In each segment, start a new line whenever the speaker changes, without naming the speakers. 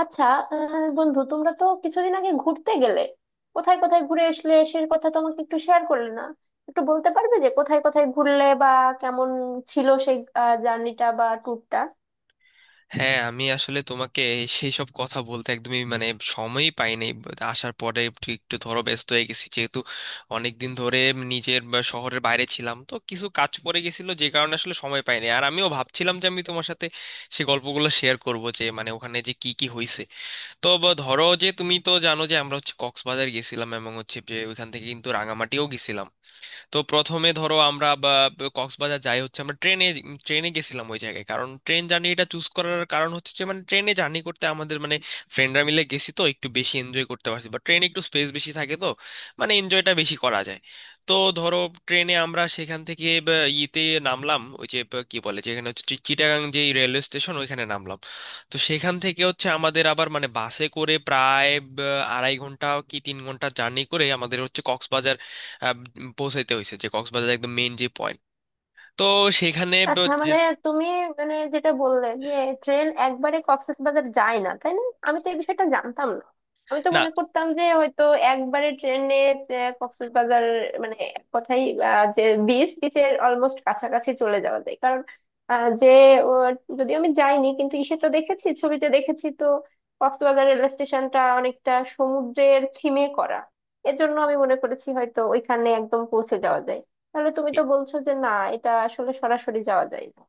আচ্ছা। বন্ধু, তোমরা তো কিছুদিন আগে ঘুরতে গেলে, কোথায় কোথায় ঘুরে আসলে সে কথা তো আমাকে একটু শেয়ার করলে না। একটু বলতে পারবে যে কোথায় কোথায় ঘুরলে বা কেমন ছিল সেই জার্নিটা বা ট্যুরটা?
হ্যাঁ, আমি আসলে তোমাকে সেই সব কথা বলতে একদমই মানে সময়ই পাইনি। আসার পরে একটু একটু ধরো ব্যস্ত হয়ে গেছি, যেহেতু অনেক দিন ধরে নিজের বা শহরের বাইরে ছিলাম, তো কিছু কাজ পড়ে গেছিল যে কারণে আসলে সময় পাইনি। আর আমিও ভাবছিলাম যে আমি তোমার সাথে সেই গল্পগুলো শেয়ার করব, যে মানে ওখানে যে কি কি হয়েছে। তো বা ধরো, যে তুমি তো জানো যে আমরা হচ্ছে কক্সবাজার গেছিলাম, এবং হচ্ছে যে ওইখান থেকে কিন্তু রাঙামাটিও গেছিলাম। তো প্রথমে ধরো আমরা বা বা কক্সবাজার যাই হচ্ছে আমরা ট্রেনে ট্রেনে গেছিলাম ওই জায়গায়। কারণ ট্রেন জার্নিটা চুজ করার কারণ হচ্ছে যে মানে ট্রেনে জার্নি করতে আমাদের মানে ফ্রেন্ডরা মিলে গেছি তো একটু বেশি এনজয় করতে পারছি, বা ট্রেনে একটু স্পেস বেশি থাকে, তো মানে এনজয়টা বেশি করা যায়। তো ধরো, ট্রেনে আমরা সেখান থেকে বা ইতে নামলাম। ওই যে বা কি বলে যেখানে হচ্ছে চিটাগাং যে রেলওয়ে স্টেশন, ওইখানে নামলাম। তো সেখান থেকে হচ্ছে আমাদের আবার মানে বাসে করে প্রায় বা 2.5 ঘন্টা কি 3 ঘন্টা জার্নি করে আমাদের হচ্ছে আহ, পৌঁছাইতে হয়েছে, যে কক্সবাজার একদম মেইন যে পয়েন্ট। তো সেখানে
আচ্ছা, মানে তুমি মানে যেটা বললে যে ট্রেন একবারে কক্সবাজার যায় না, তাই না? আমি তো এই বিষয়টা জানতাম না, আমি তো
না
মনে করতাম যে হয়তো একবারে ট্রেনে কক্সবাজার, মানে এক কথাই যে বিচ, বিচের অলমোস্ট কাছাকাছি চলে যাওয়া যায়। কারণ আহ, যে আহ, যদিও আমি যাইনি, কিন্তু ইসে তো দেখেছি, ছবিতে দেখেছি তো। কক্সবাজার রেল স্টেশনটা অনেকটা সমুদ্রের থিমে করা, এজন্য আমি মনে করেছি হয়তো ওইখানে একদম পৌঁছে যাওয়া যায়। তাহলে তুমি
এ-
তো বলছো যে না, এটা আসলে সরাসরি যাওয়া যায় না।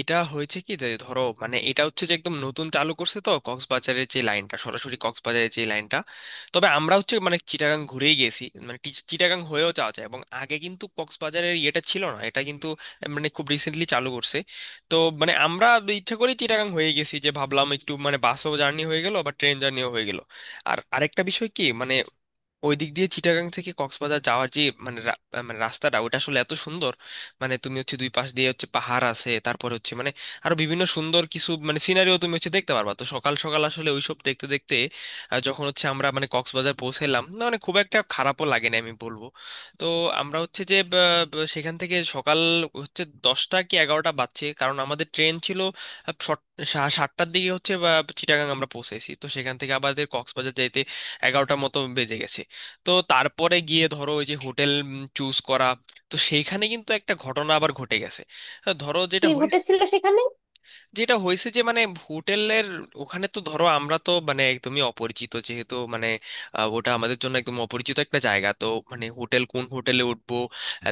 এটা হয়েছে কি, যে ধরো মানে এটা হচ্ছে যে একদম নতুন চালু করছে তো, কক্সবাজারের যে লাইনটা, সরাসরি কক্সবাজারের যে লাইনটা। তবে আমরা হচ্ছে মানে চিটাগাং ঘুরেই গেছি, মানে চিটাগাং হয়েও যাওয়া যায়। এবং আগে কিন্তু কক্সবাজারের ইয়েটা ছিল না এটা, কিন্তু মানে খুব রিসেন্টলি চালু করছে। তো মানে আমরা ইচ্ছা করে চিটাগাং হয়ে গেছি, যে ভাবলাম একটু মানে বাসও জার্নি হয়ে গেল বা ট্রেন জার্নিও হয়ে গেল। আর আরেকটা বিষয় কি মানে ওই দিক দিয়ে চিটাগাং থেকে কক্সবাজার যাওয়ার যে মানে রা- আহ মানে রাস্তাটা, ওটা আসলে এত সুন্দর। মানে তুমি হচ্ছে দুই পাশ দিয়ে হচ্ছে পাহাড় আছে, তারপরে হচ্ছে মানে আরো বিভিন্ন সুন্দর কিছু মানে সিনারিও তুমি হচ্ছে দেখতে পারবা। তো সকাল সকাল আসলে ওইসব দেখতে দেখতে যখন হচ্ছে আমরা মানে কক্সবাজার পৌঁছালাম, না মানে খুব একটা খারাপও লাগে না আমি বলবো। তো আমরা হচ্ছে যে সেখান থেকে সকাল হচ্ছে 10টা কি 11টা বাজছে, কারণ আমাদের ট্রেন ছিল আহ, সট- 7টার দিকে হচ্ছে চিটাগাং আমরা পৌঁছেছি, তো সেখান থেকে আমাদের কক্সবাজার যাইতে 11টার মতো বেজে গেছে। তো তারপরে গিয়ে ধরো ওই যে হোটেল চুজ করা, তো সেইখানে কিন্তু একটা ঘটনা আবার ঘটে গেছে। ধরো
কি
যেটা হয়েছে
ঘটেছিল সেখানে?
যেটা হয়েছে যে মানে হোটেলের ওখানে তো ধরো আমরা তো মানে একদমই অপরিচিত যেহেতু, মানে ওটা আমাদের জন্য একদম অপরিচিত একটা জায়গা। তো মানে হোটেল, কোন হোটেলে উঠবো,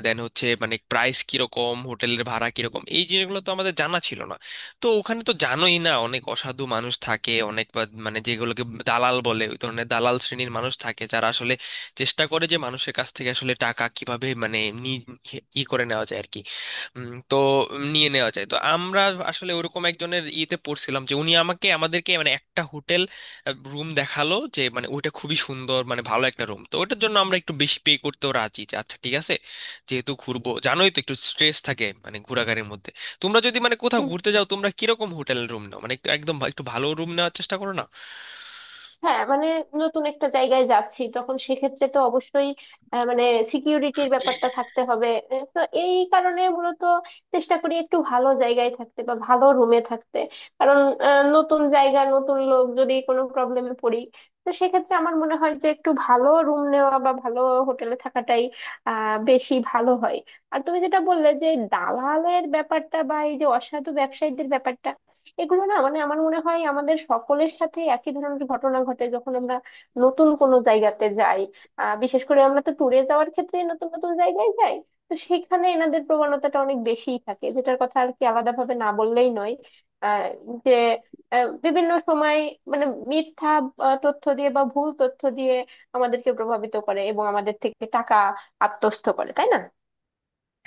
দেন হচ্ছে মানে প্রাইস কিরকম, হোটেলের ভাড়া কিরকম, এই জিনিসগুলো তো আমাদের জানা ছিল না। তো ওখানে তো জানোই না, অনেক অসাধু মানুষ থাকে, অনেক মানে যেগুলোকে দালাল বলে, ওই ধরনের দালাল শ্রেণীর মানুষ থাকে যারা আসলে চেষ্টা করে যে মানুষের কাছ থেকে আসলে টাকা কিভাবে মানে নি- ই করে নেওয়া যায় আর কি। তো নিয়ে নেওয়া যায়। তো আমরা আসলে ওরকম একজনের ইয়েতে পড়ছিলাম, যে উনি আমাকে আমাদেরকে মানে একটা হোটেল রুম দেখালো যে মানে ওইটা খুবই সুন্দর, মানে ভালো একটা রুম। তো ওটার জন্য আমরা একটু বেশি পে করতেও রাজি, যে আচ্ছা ঠিক আছে, যেহেতু ঘুরবো জানোই তো একটু স্ট্রেস থাকে মানে ঘোরাঘুরির মধ্যে। তোমরা যদি মানে কোথাও ঘুরতে যাও, তোমরা কিরকম হোটেল রুম নাও, মানে একটু ভালো রুম নেওয়ার চেষ্টা করো না?
হ্যাঁ মানে, নতুন একটা জায়গায় যাচ্ছি, তখন সেক্ষেত্রে তো অবশ্যই মানে সিকিউরিটির ব্যাপারটা থাকতে হবে। তো এই কারণে মূলত চেষ্টা করি একটু ভালো জায়গায় থাকতে বা ভালো রুমে থাকতে। কারণ নতুন জায়গা, নতুন লোক, যদি কোনো প্রবলেমে পড়ি, তো সেক্ষেত্রে আমার মনে হয় যে একটু ভালো রুম নেওয়া বা ভালো হোটেলে থাকাটাই বেশি ভালো হয়। আর তুমি যেটা বললে যে দালালের ব্যাপারটা বা এই যে অসাধু ব্যবসায়ীদের ব্যাপারটা, এগুলো না মানে আমার মনে হয় আমাদের সকলের সাথে একই ধরনের ঘটনা ঘটে যখন আমরা নতুন কোনো জায়গাতে যাই। বিশেষ করে আমরা তো ট্যুরে যাওয়ার ক্ষেত্রে নতুন নতুন জায়গায় যাই, তো সেখানে এনাদের প্রবণতাটা অনেক বেশিই থাকে, যেটার কথা আর কি আলাদা ভাবে না বললেই নয়। আহ যে বিভিন্ন সময় মানে মিথ্যা তথ্য দিয়ে বা ভুল তথ্য দিয়ে আমাদেরকে প্রভাবিত করে এবং আমাদের থেকে টাকা আত্মস্থ করে, তাই না?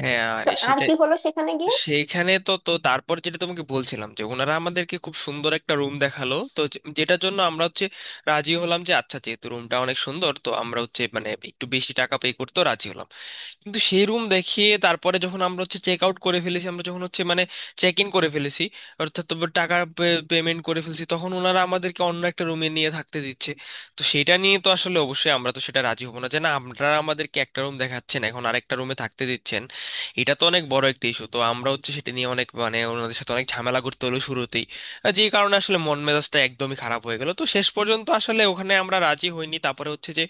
হ্যাঁ,
তো আর
সেটাই।
কি হলো সেখানে গিয়ে?
সেইখানে তো তো তারপর যেটা তোমাকে বলছিলাম, যে ওনারা আমাদেরকে খুব সুন্দর একটা রুম দেখালো, তো যেটার জন্য আমরা হচ্ছে রাজি হলাম, যে আচ্ছা যেহেতু রুমটা অনেক সুন্দর, তো আমরা হচ্ছে মানে একটু বেশি টাকা পে করতেও রাজি হলাম। কিন্তু সেই রুম দেখিয়ে তারপরে যখন আমরা হচ্ছে চেক আউট করে ফেলেছি, আমরা যখন হচ্ছে মানে চেক ইন করে ফেলেছি, অর্থাৎ তো টাকা পেমেন্ট করে ফেলেছি, তখন ওনারা আমাদেরকে অন্য একটা রুমে নিয়ে থাকতে দিচ্ছে। তো সেটা নিয়ে তো আসলে অবশ্যই আমরা তো সেটা রাজি হবো না, যে না, আপনারা আমাদেরকে একটা রুম দেখাচ্ছেন এখন আরেকটা রুমে থাকতে দিচ্ছেন, এটা তো অনেক বড় একটা ইস্যু। তো আমরা হচ্ছে সেটা নিয়ে অনেক মানে ওনাদের সাথে অনেক ঝামেলা করতে হলো শুরুতেই। আর যে কারণে আসলে মন মেজাজটা একদমই খারাপ হয়ে গেল। তো শেষ পর্যন্ত আসলে ওখানে আমরা রাজি হইনি, তারপরে হচ্ছে যে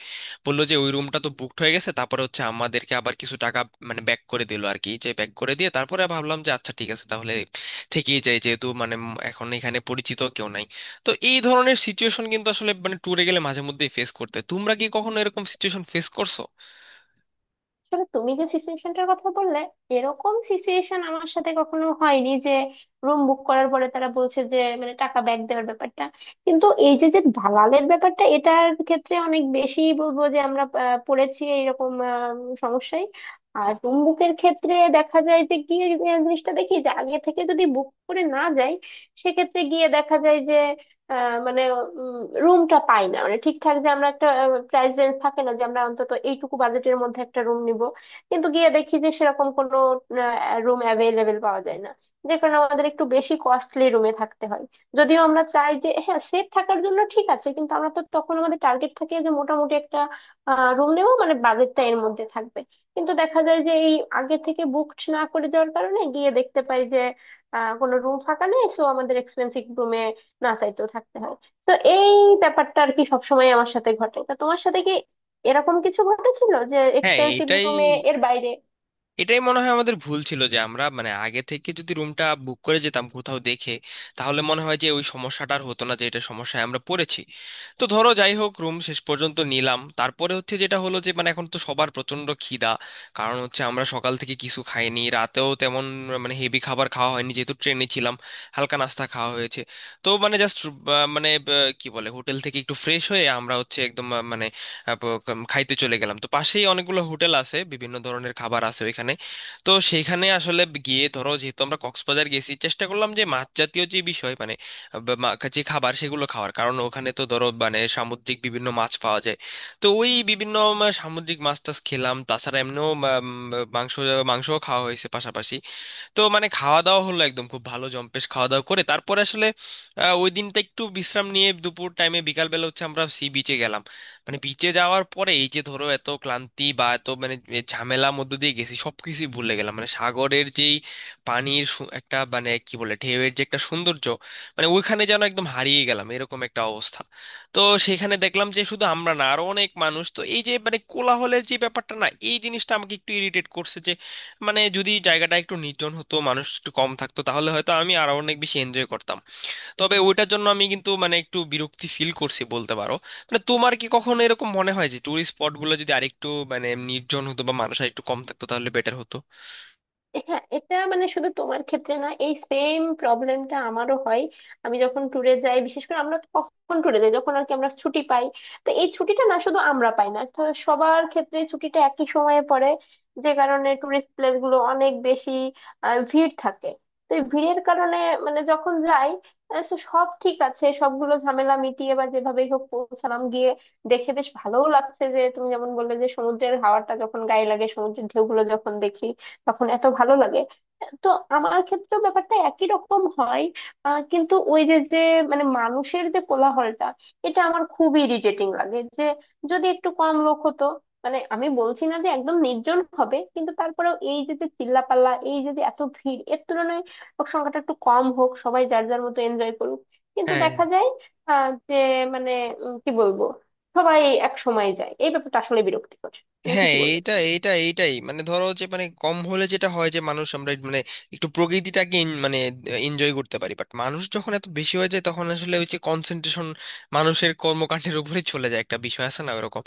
বললো যে ওই রুমটা তো বুকড হয়ে গেছে, তারপরে হচ্ছে আমাদেরকে আবার কিছু টাকা মানে ব্যাক করে দিল আর কি। যে ব্যাক করে দিয়ে তারপরে ভাবলাম, যে আচ্ছা ঠিক আছে, তাহলে থেকেই যাই, যেহেতু মানে এখন এখানে পরিচিত কেউ নাই। তো এই ধরনের সিচুয়েশন কিন্তু আসলে মানে ট্যুরে গেলে মাঝে মধ্যেই ফেস করতে, তোমরা কি কখনো এরকম সিচুয়েশন ফেস করছো?
আসলে তুমি যে সিচুয়েশনটার কথা বললে, এরকম সিচুয়েশন আমার সাথে কখনো হয়নি যে রুম বুক করার পরে তারা বলছে যে মানে টাকা ব্যাক দেওয়ার ব্যাপারটা। কিন্তু এই যে যে দালালের ব্যাপারটা, এটার ক্ষেত্রে অনেক বেশি বলবো যে আমরা পড়েছি এইরকম সমস্যায়। আর রুম বুকের ক্ষেত্রে দেখা যায় যে গিয়ে যে জিনিসটা দেখি, যে আগে থেকে যদি বুক করে না যাই, সেক্ষেত্রে গিয়ে দেখা যায় যে মানে রুমটা পাই না, মানে ঠিকঠাক যে আমরা একটা প্রাইস রেঞ্জ থাকে না যে আমরা অন্তত এইটুকু বাজেটের মধ্যে একটা রুম নিব। কিন্তু গিয়ে দেখি যে সেরকম কোনো রুম অ্যাভেলেবেল পাওয়া যায় না, যে কারণে আমাদের একটু বেশি কস্টলি রুমে থাকতে হয়। যদিও আমরা চাই যে হ্যাঁ সেফ থাকার জন্য ঠিক আছে, কিন্তু আমরা তো তখন আমাদের টার্গেট থাকে যে মোটামুটি একটা রুম নেবো, মানে বাজেটটা এর মধ্যে থাকবে। কিন্তু দেখা যায় যে এই আগে থেকে বুকড না করে যাওয়ার কারণে গিয়ে দেখতে পাই যে কোনো রুম ফাঁকা নেই, সো আমাদের এক্সপেন্সিভ রুমে না চাইতেও থাকতে হয়। তো এই ব্যাপারটা আর কি সবসময় আমার সাথে ঘটে। তা তোমার সাথে কি এরকম কিছু ঘটেছিল যে
হ্যাঁ,
এক্সপেন্সিভ
এটাই
রুমে এর বাইরে?
এটাই মনে হয় আমাদের ভুল ছিল, যে আমরা মানে আগে থেকে যদি রুমটা বুক করে যেতাম কোথাও দেখে, তাহলে মনে হয় যে ওই সমস্যাটা আর হতো না, যে এটা সমস্যায় আমরা পড়েছি। তো ধরো যাই হোক, রুম শেষ পর্যন্ত নিলাম। তারপরে হচ্ছে যেটা হলো, যে মানে এখন তো সবার প্রচন্ড খিদা, কারণ হচ্ছে আমরা সকাল থেকে কিছু খাইনি, রাতেও তেমন মানে হেভি খাবার খাওয়া হয়নি যেহেতু ট্রেনে ছিলাম, হালকা নাস্তা খাওয়া হয়েছে। তো মানে জাস্ট মানে কি বলে হোটেল থেকে একটু ফ্রেশ হয়ে আমরা হচ্ছে একদম মানে খাইতে চলে গেলাম। তো পাশেই অনেকগুলো হোটেল আছে, বিভিন্ন ধরনের খাবার আছে ওইখানে। তো সেইখানে আসলে গিয়ে ধরো যেহেতু আমরা কক্সবাজার গেছি, চেষ্টা করলাম যে মাছ জাতীয় যে বিষয়, মানে যে খাবার, সেগুলো খাওয়ার। কারণ ওখানে তো ধরো মানে সামুদ্রিক বিভিন্ন মাছ পাওয়া যায়। তো ওই বিভিন্ন সামুদ্রিক মাছ টাছ খেলাম, তাছাড়া এমনিও মাংস মাংসও খাওয়া হয়েছে পাশাপাশি। তো মানে খাওয়া দাওয়া হলো একদম, খুব ভালো জম্পেশ খাওয়া দাওয়া করে তারপরে আসলে ওই দিনটা একটু বিশ্রাম নিয়ে দুপুর টাইমে, বিকাল বেলা হচ্ছে আমরা সি বিচে গেলাম। মানে বিচে যাওয়ার পরে এই যে ধরো এত ক্লান্তি বা এত মানে এ ঝামেলার মধ্যে দিয়ে গেছি, সবকিছু ভুলে গেলাম। মানে সাগরের যেই পানির একটা মানে কি বলে ঢেউয়ের যে একটা সৌন্দর্য, মানে ওইখানে যেন একদম হারিয়ে গেলাম, এরকম একটা অবস্থা। তো সেখানে দেখলাম যে শুধু আমরা না, আরো অনেক মানুষ। তো এই যে মানে কোলাহলের যে ব্যাপারটা না, এই জিনিসটা আমাকে একটু ইরিটেট করছে। যে মানে যদি জায়গাটা একটু নির্জন হতো, মানুষ একটু কম থাকতো, তাহলে হয়তো আমি আরো অনেক বেশি এনজয় করতাম। তবে ওইটার জন্য আমি কিন্তু মানে একটু বিরক্তি ফিল করছি বলতে পারো। মানে তোমার কি কখনো এরকম মনে হয় যে টুরিস্ট স্পট গুলো যদি আরেকটু মানে নির্জন হতো বা মানুষ আর একটু কম থাকতো, তাহলে বেটার হতো?
হ্যাঁ, এটা মানে শুধু তোমার ক্ষেত্রে না, এই সেম প্রবলেমটা আমারও হয়। আমি যখন ট্যুরে যাই, বিশেষ করে আমরা কখন ট্যুরে যাই যখন আর কি আমরা ছুটি পাই, তো এই ছুটিটা না শুধু আমরা পাই না, তো সবার ক্ষেত্রে ছুটিটা একই সময়ে পড়ে, যে কারণে টুরিস্ট প্লেস গুলো অনেক বেশি ভিড় থাকে। তো এই ভিড়ের কারণে মানে যখন যাই, তো সব ঠিক আছে, সবগুলো ঝামেলা মিটিয়ে বা যেভাবেই হোক পৌঁছালাম, গিয়ে দেখে বেশ ভালোও লাগছে, যে তুমি যেমন বললে যে সমুদ্রের হাওয়াটা যখন গায়ে লাগে, সমুদ্রের ঢেউগুলো যখন দেখি তখন এত ভালো লাগে। তো আমার ক্ষেত্রেও ব্যাপারটা একই রকম হয়। কিন্তু ওই যে যে মানে মানুষের যে কোলাহলটা, এটা আমার খুবই ইরিটেটিং লাগে। যে যদি একটু কম লোক হতো, মানে আমি বলছি না যে একদম নির্জন হবে, কিন্তু তারপরেও এই যে যে চিল্লাপাল্লা, এই যে যে এত ভিড় এর তুলনায় লোক সংখ্যাটা একটু কম হোক, সবাই যার যার মতো এনজয় করুক। কিন্তু
হ্যাঁ,
দেখা যায় আহ, যে মানে কি বলবো, সবাই এক সময় যায়, এই ব্যাপারটা আসলে বিরক্তিকর। তুমি
হ্যাঁ,
ঠিকই
এইটা
বলেছো।
এইটা এইটাই মানে। ধরো যে মানে কম হলে যেটা হয়, যে মানুষ আমরা মানে একটু প্রকৃতিটাকে মানে এনজয় করতে পারি। বাট মানুষ যখন এত বেশি হয়ে যায়, তখন আসলে ওই যে কনসেন্ট্রেশন মানুষের কর্মকাণ্ডের উপরে চলে যায়, একটা বিষয় আছে না ওরকম।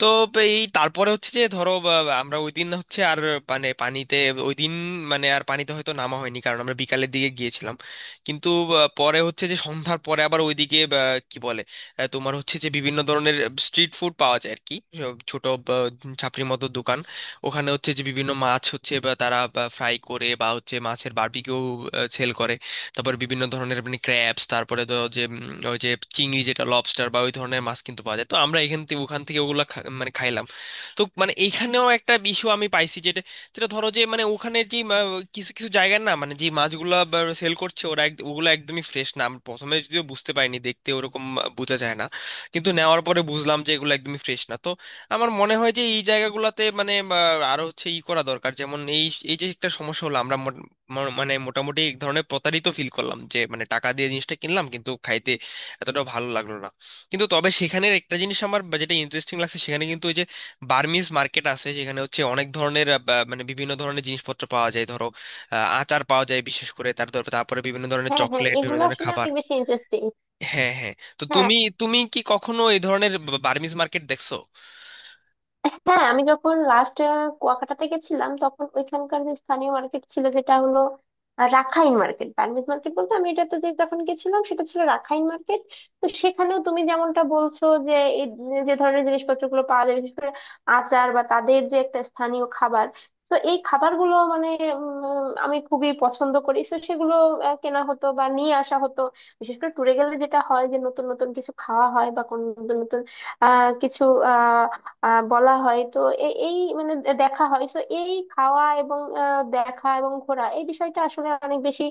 তো এই তারপরে হচ্ছে যে ধরো বা- বা আমরা ওই দিন হচ্ছে আর মানে পানিতে, ওই দিন মানে আর পানিতে হয়তো নামা হয়নি, কারণ আমরা বিকালের দিকে গিয়েছিলাম। কিন্তু পরে হচ্ছে যে সন্ধ্যার পরে আবার ওইদিকে কি বলে তোমার হচ্ছে যে বিভিন্ন ধরনের স্ট্রিট ফুড পাওয়া যায় আর কি, সব ছোট ছাপড়ির মতো দোকান। ওখানে হচ্ছে যে বিভিন্ন মাছ হচ্ছে, বা তারা ফ্রাই করে, বা হচ্ছে মাছের বারবিকিউ সেল করে। তারপর বিভিন্ন ধরনের আপনি ক্র্যাবস, তারপরে তো যে ওই যে চিংড়ি যেটা লবস্টার, বা ওই ধরনের মাছ কিন্তু পাওয়া যায়। তো আমরা এখান থেকে ওখান থেকে ওগুলো মানে খাইলাম। তো মানে এইখানেও একটা ইস্যু আমি পাইছি, যেটা যেটা ধরো যে মানে ওখানে যে কিছু কিছু জায়গার না, মানে যে মাছগুলা সেল করছে ওরা, ওগুলো একদমই ফ্রেশ না। আমি প্রথমে যদিও বুঝতে পারিনি, দেখতে ওরকম বোঝা যায় না, কিন্তু নেওয়ার পরে বুঝলাম যে এগুলো একদমই ফ্রেশ না। তো আমার মনে হয় যে এই জায়গাগুলোতে মানে আরো হচ্ছে ই করা দরকার। যেমন এই, এই যে একটা সমস্যা হলো, আমরা মানে মোটামুটি এক ধরনের প্রতারিত ফিল করলাম, যে মানে টাকা দিয়ে জিনিসটা কিনলাম কিন্তু খাইতে এতটা ভালো লাগলো না। কিন্তু তবে সেখানের একটা জিনিস আমার যেটা ইন্টারেস্টিং লাগছে, সেখানে কিন্তু বার্মিজ মার্কেট আছে, যেখানে হচ্ছে অনেক ধরনের মানে বিভিন্ন ধরনের জিনিসপত্র পাওয়া যায়। ধরো আচার পাওয়া যায় বিশেষ করে, তারপরে বিভিন্ন ধরনের
হ্যাঁ, হ্যাঁ,
চকলেট, বিভিন্ন
এগুলো
ধরনের
আসলে
খাবার।
অনেক বেশি ইন্টারেস্টিং।
হ্যাঁ, হ্যাঁ। তো
হ্যাঁ,
তুমি তুমি কি কখনো এই ধরনের বার্মিজ মার্কেট দেখছো?
হ্যাঁ, আমি যখন লাস্ট কুয়াকাটাতে গেছিলাম, তখন ওইখানকার যে স্থানীয় মার্কেট ছিল যেটা হলো রাখাইন মার্কেট, বার্মিজ মার্কেট বলতে আমি এটাতে যে যখন গেছিলাম সেটা ছিল রাখাইন মার্কেট। তো সেখানেও তুমি যেমনটা বলছো যে এই যে যে ধরনের জিনিসপত্রগুলো পাওয়া যায়, বিশেষ করে আচার বা তাদের যে একটা স্থানীয় খাবার, তো এই খাবারগুলো মানে আমি খুবই পছন্দ করি, তো সেগুলো কেনা হতো বা নিয়ে আসা হতো। বিশেষ করে ট্যুরে গেলে যেটা হয় যে নতুন নতুন কিছু খাওয়া হয় বা কোন নতুন নতুন আহ কিছু আহ বলা হয়, এই মানে দেখা হয়, তো এই খাওয়া এবং দেখা এবং ঘোরা, এই বিষয়টা আসলে অনেক বেশি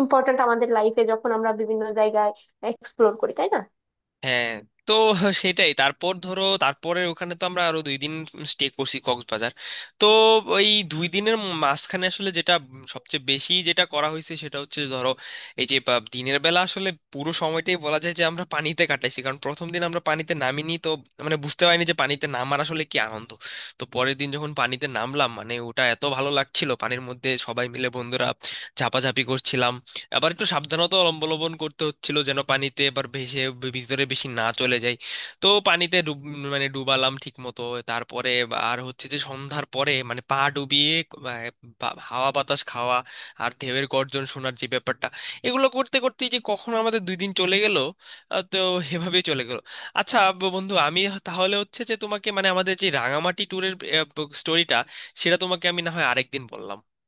ইম্পর্ট্যান্ট আমাদের লাইফে, যখন আমরা বিভিন্ন জায়গায় এক্সপ্লোর করি, তাই না?
হ্যাঁ। তো সেটাই। তারপর ধরো তারপরে ওখানে তো আমরা আরো 2 দিন স্টে করছি কক্সবাজার। তো ওই দুই দিনের মাঝখানে আসলে যেটা সবচেয়ে বেশি যেটা করা হয়েছে সেটা হচ্ছে ধরো এই যে দিনের বেলা আসলে পুরো সময়টাই বলা যায় যে আমরা পানিতে কাটাইছি। কারণ প্রথম দিন আমরা পানিতে নামিনি তো মানে বুঝতে পারিনি যে পানিতে নামার আসলে কি আনন্দ। তো পরের দিন যখন পানিতে নামলাম, মানে ওটা এত ভালো লাগছিল, পানির মধ্যে সবাই মিলে বন্ধুরা ঝাপাঝাপি করছিলাম। আবার একটু সাবধানতা অবলম্বন করতে হচ্ছিল যেন পানিতে এবার ভেসে ভিতরে বেশি না চলে যায়। তো পানিতে ডুব মানে ডুবালাম ঠিক মতো। তারপরে আর হচ্ছে যে সন্ধ্যার পরে মানে পা ডুবিয়ে আহ, হাওয়া বাতাস খাওয়া, আর ঢেউয়ের গর্জন শোনার যে ব্যাপারটা, এগুলো করতে করতেই যে কখন আমাদের 2 দিন চলে গেল। তো এভাবেই চলে গেল। আচ্ছা বন্ধু, আমি তাহলে হচ্ছে যে তোমাকে মানে আমাদের যে রাঙামাটি ট্যুরের স্টোরিটা, সেটা তোমাকে আমি না হয় আরেকদিন বললাম।